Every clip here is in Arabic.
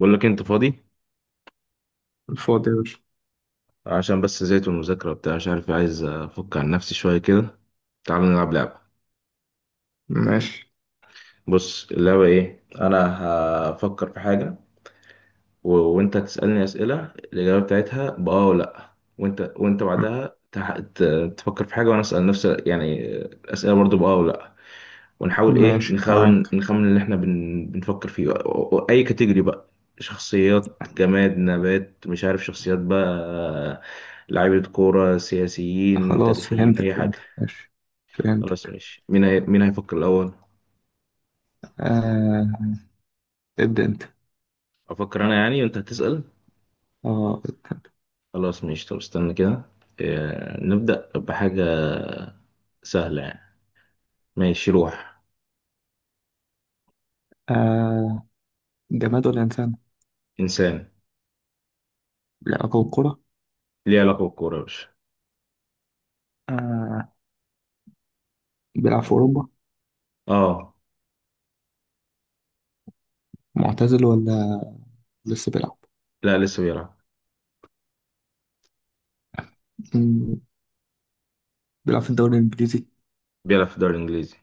بقول لك إيه، انت فاضي فاضي يا باشا. عشان بس زهقت من المذاكره وبتاع مش عارف، عايز افك عن نفسي شويه كده. تعال نلعب لعبه. ماشي. بص اللعبه ايه، انا هفكر في حاجه و... وانت تسالني اسئله الاجابه بتاعتها باه ولا لا، وانت بعدها تفكر في حاجه وانا اسال نفس يعني اسئله برضو باه ولا لا. ونحاول ايه، ماشي نخمن معاك. نخمن اللي احنا بنفكر فيه، اي كاتيجوري بقى. شخصيات، جماد، نبات، مش عارف، شخصيات بقى، لعيبة كورة، سياسيين، خلاص تاريخيين، فهمتك اي حاجة. فهمتك ماشي. خلاص فهمتك. ماشي، مين هيفكر الاول؟ آه. ابدأ انت. افكر انا يعني وانت هتسأل. اه، ابدأ انت. خلاص ماشي، طب استنى كده. نبدأ بحاجة سهلة يعني. ماشي روح. آه، جماد ولا إنسان؟ انسان. لا، أبو كرة. ليه علاقة بالكورة يا باشا. آه، بيلعب في أوروبا. اه. معتزل ولا لسه بيلعب؟ لا لسه بيلعب. مم، بيلعب في الدوري الإنجليزي. بيلعب في الدوري الانجليزي.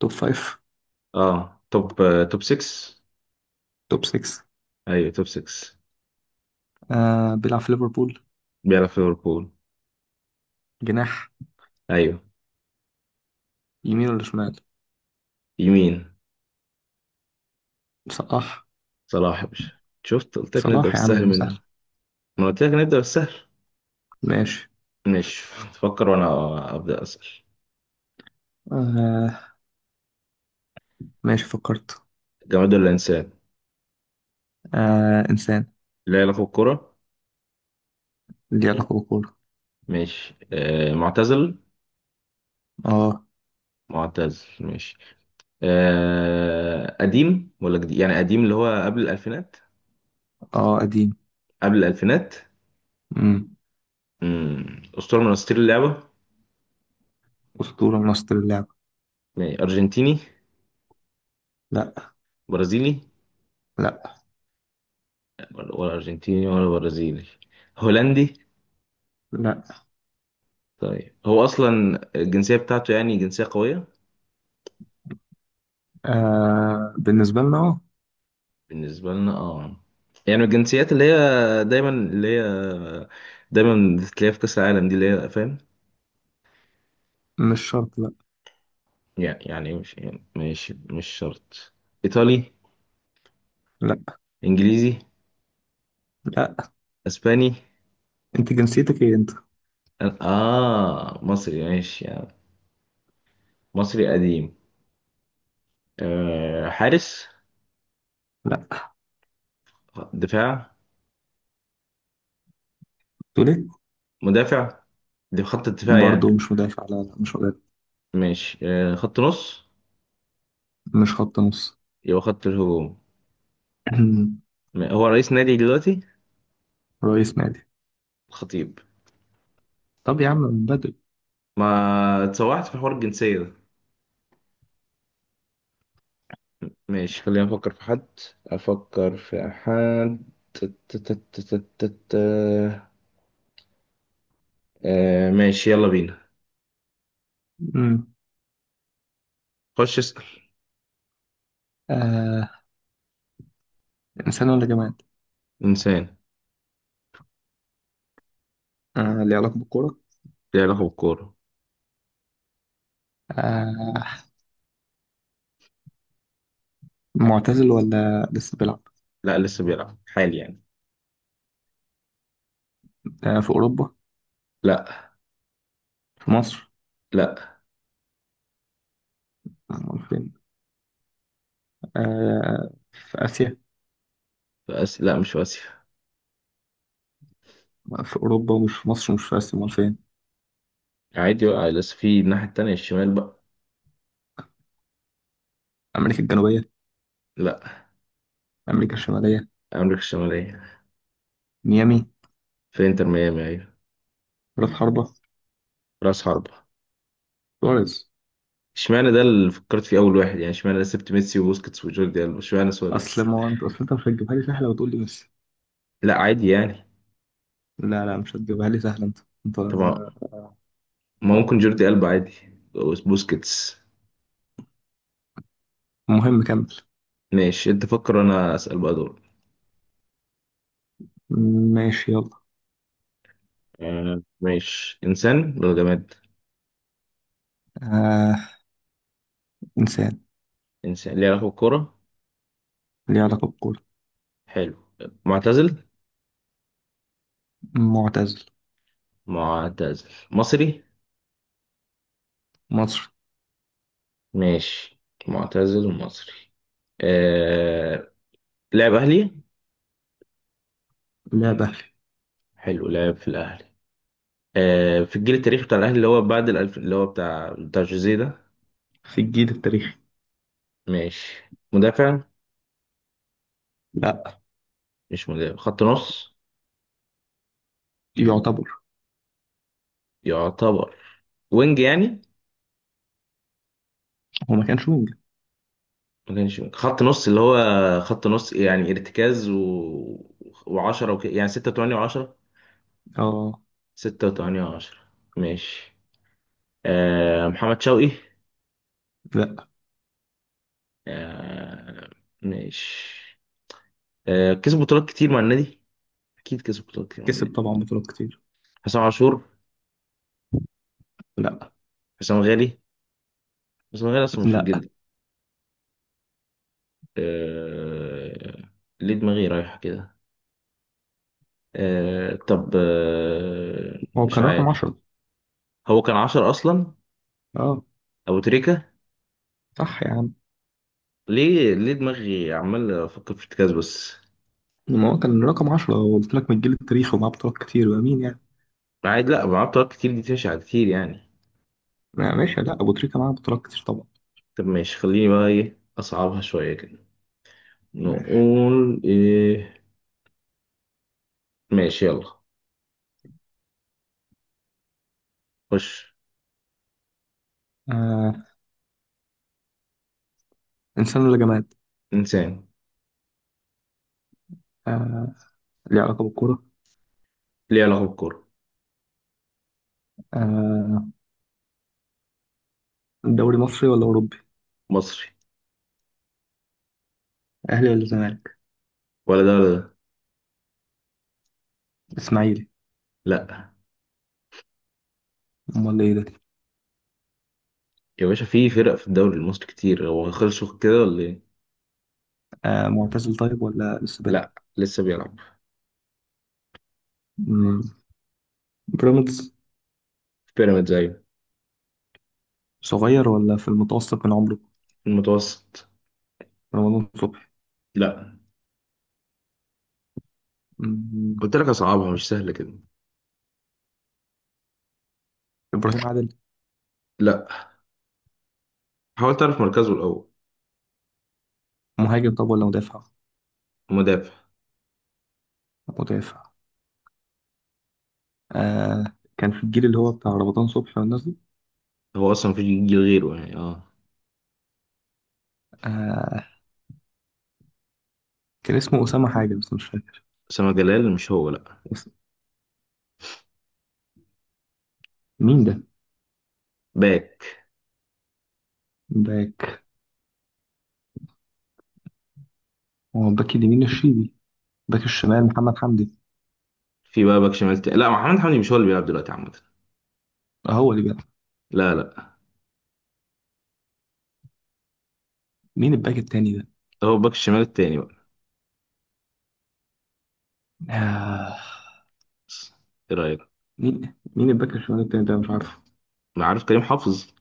توب فايف. اه، توب 6. توب سكس. ايوه توب 6. آه، بيلعب في ليفربول. بيلعب في ليفربول. جناح. ايوه. يمين ولا شمال؟ يمين. صلاح. صلاح يا باشا. شفت، قلت لك نبدأ صلاح يا بالسهل عم سهل. منه. ما قلت لك نبدأ بالسهل. ماشي. ماشي. تفكر وانا ابدأ اسأل. آه، ماشي فكرت. جماد ولا انسان؟ آه، إنسان. لا، يلعب الكرة. ليه علاقة بالكورة. ماشي، معتزل. اه. معتزل ماشي. قديم ولا جديد؟ يعني قديم اللي هو قبل الألفينات. اه، قديم. قبل الألفينات. امم مم. أسطورة من أساطير اللعبة. أسطورة من أسطورة اللعبة. ماشي. أرجنتيني؟ لا. برازيلي؟ لا. ولا أرجنتيني ولا برازيلي. هولندي؟ لا. طيب هو اصلا الجنسيه بتاعته يعني جنسيه قويه؟ آه، بالنسبة لنا اه. بالنسبه لنا اه. يعني الجنسيات اللي هي دايما بتلاقيها في كاس العالم دي، اللي هي فاهم. مش شرط، لا. يعني مش شرط. ايطالي؟ لا. انجليزي؟ لا. اسباني؟ انت جنسيتك ايه انت. اه، مصري ماشي يعني. مصري قديم. حارس؟ لا. دفاع؟ تقول ايه. مدافع. دي خط الدفاع برضه يعني. مش مدافع، لا، مش مدافع. ماشي، خط نص. مش خط نص. يبقى خط الهجوم. هو رئيس نادي دلوقتي؟ رئيس نادي. الخطيب. طب يا عم من بدري. ما اتسوحت في حوار الجنسية ده. ماشي، خلينا نفكر في حد. أفكر في حد. تت- تت- تت- تت- آه ماشي يلا بينا. امم خش اسأل. آه، انسان ولا جماد. إنسان. آه، ليه علاقة بالكورة. ليه علاقة بالكورة. آه، معتزل ولا لسه بيلعب. لا، لسه بيلعب حالي يعني. آه، في أوروبا. لا. في مصر. لا. امال فين. آه، في آسيا. في آسيا؟ لا، مش في آسيا. في أوروبا ومش في مصر ومش في آسيا، امال فين. عادي بقى، لسه في الناحية التانية، الشمال بقى. أمريكا الجنوبية. لا. أمريكا الشمالية. أمريكا الشمالية. ميامي. في إنتر ميامي، أيوة. راس حربة. رأس حربة. سواريز. اشمعنى ده اللي فكرت فيه أول واحد يعني؟ اشمعنى؟ أنا سبت ميسي وبوسكيتس وجوردي ألبا، اشمعنى أصل سواريز؟ ما هو أنت، أصل أنت مش هتجيبها لي سهلة وتقول لي ميسي. لا عادي يعني. لا، مش هتجيبها لي سهلة أنت. أنت. طبعا. ما آه. ممكن جوردي ألبا عادي. بوسكيتس. مهم كمل. ماشي، انت فكر انا اسأل بقى دول. ماشي يلا. آه ماشي، انسان ولا جماد؟ آه. إنسان. انسان. ليه علاقة بالكورة. ليه علاقة بالكورة. حلو. معتزل. معتزل. معتزل مصري. مصري. ماشي. معتزل ومصري. آه... لعب اهلي. لاعب أهلي. حلو، لعب في الاهلي. في الجيل التاريخي بتاع الاهلي، اللي هو بعد الالف، اللي هو بتاع جوزيه ده. في الجيل التاريخي. ماشي. مدافع؟ لا. مش مدافع، خط نص. يعتبر. يعتبر. وينج يعني. هو ما كانش ممكن. ما كانش خط نص، اللي هو خط نص يعني ارتكاز و... وعشرة يعني ستة وتمانية وعشرة. اه. ستة وتمانية وعشرة. ماشي، محمد شوقي. لا. آه. ماشي. كسب بطولات كتير مع النادي. أكيد كسب بطولات كتير مع النادي. كسب طبعا بطولات كتير. حسام عاشور. لا. حسام غالي. حسام غالي أصلا مش في لا، الجلد. آه... ليه دماغي رايحة كده. طب هو مش كان رقم عارف. 10. هو كان عشرة أصلا. اه. أبو تريكة. صح يا عم. ليه دماغي عمال افكر في ارتكاز بس. ما هو كان رقم 10، قلت لك من الجيل التاريخي ومعاه بطولات كتير وأمين يعني. عادي، لا معايا طرق كتير، دي تشع كتير يعني. ماشي. لا، أبو تريكة معاه بطولات كتير طبعا. طب ماشي، خليني بقى ايه، اصعبها شويه كده. ماشي. نقول ايه. ماشي يلا. خش. آه، إنسان ولا جماد؟ انسان. آه، ليه علاقة بالكورة؟ ليه علاقه بالكوره. آه، دوري مصري ولا أوروبي؟ مصري. أهلي ولا زمالك؟ ولا ده ولا ده. إسماعيلي. لا. أمال إيه ده؟ يا باشا في فرق في الدوري المصري كتير، هو خلصوا كده ولا ايه؟ آه، معتزل طيب ولا لسه بيلعب؟ لا لسه بيلعب. مم. بيراميدز. في بيراميدز، ايوه. صغير ولا في المتوسط من عمره؟ في المتوسط. رمضان صبحي. لا. مم. قلت لك اصعبها، مش سهله كده. إبراهيم عادل. لا. حاول تعرف مركزه الاول. مهاجم طب ولا مدافع؟ مدافع. مدافع. آه، كان في الجيل اللي هو بتاع رمضان صبحي والناس دي. هو اصلا مفيش جيل غيره يعني، اه. آه، كان اسمه أسامة حاجة بس مش فاكر. اسامه جلال مش هو، لا. بس مين ده؟ باك. باك. هو الباك اليمين الشيبي. باك الشمال محمد حمدي. في بقى باك شمال تاني؟ لا، محمد حمدي مش هو اللي بيلعب دلوقتي عامه؟ هو اللي بيلعب. لا لا. مين الباك التاني ده؟ هو باك الشمال التاني بقى. آه. بس، ايه رايك. مين الباك الشمال التاني ده مش عارف. ما عارف، كريم حافظ.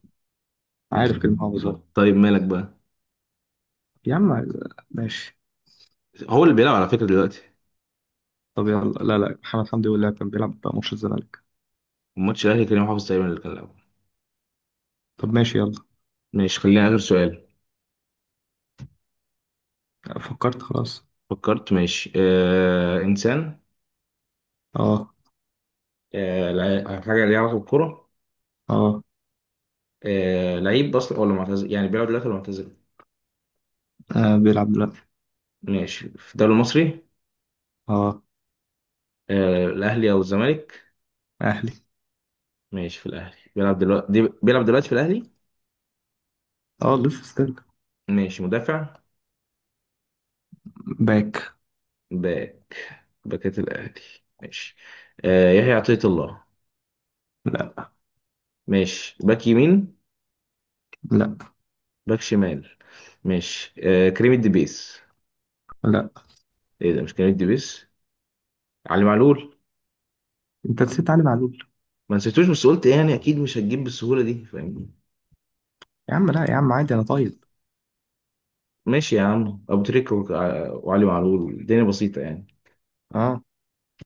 عارف كلمة محافظ أهو. طيب مالك بقى. يا عم. ماشي. هو اللي بيلعب على فكره دلوقتي. طب يلا، لا، لا، محمد حمدي هو اللي كان بيلعب بقى ماتش الزمالك. ماتش الاهلي كريم حافظ تقريبا اللي كان لعبه. طب ماشي يلا. ماشي، خلينا اخر سؤال. فكرت خلاص. فكرت ماشي، انسان. اه. حاجه ليها علاقه بالكوره. اه. لعيب اصلا ولا معتزل؟ يعني بيلعب دلوقتي ولا معتزل. آه، بيلعب دلوقتي. ماشي، في الدوري المصري. اه. الاهلي او الزمالك. اهلي. ماشي، في الاهلي بيلعب دلوقتي، دي بيلعب دلوقتي في الاهلي. اه، لسه ستيل. ماشي، مدافع. باك. باك. باكات الأهلي. ماشي. يحيى عطية الله. لا. ماشي، باك يمين. لا. باك شمال. ماشي، كريم الدبيس. لا، ايه ده، مش كريم الدبيس. علي معلول. انت نسيت علي معلول. ما نسيتوش، بس قلت يعني اكيد مش هتجيب بالسهولة دي، فاهمني. يا عم، لا يا عم عادي انا طيب. ماشي يا عم، ابو تريكة وعلي معلول، الدنيا بسيطة يعني. اه.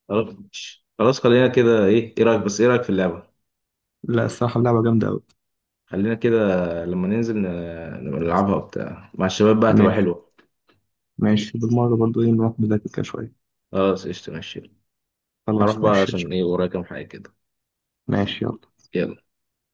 خلاص ماشي. خلاص خلينا كده. ايه رأيك، بس ايه رأيك في اللعبة؟ لا الصراحة اللعبة جامدة أوي. خلينا كده. لما ننزل نبقى نلعبها وبتاع مع الشباب بقى، هتبقى ماشي. حلوة. ماشي بالمرة برضو إيه نروح نذاكر كده شوية. خلاص قشطة ماشي. هروح خلاص بقى ماشي. عشان ايه، ورايا كام حاجة كده. ماشي يلا. يلا.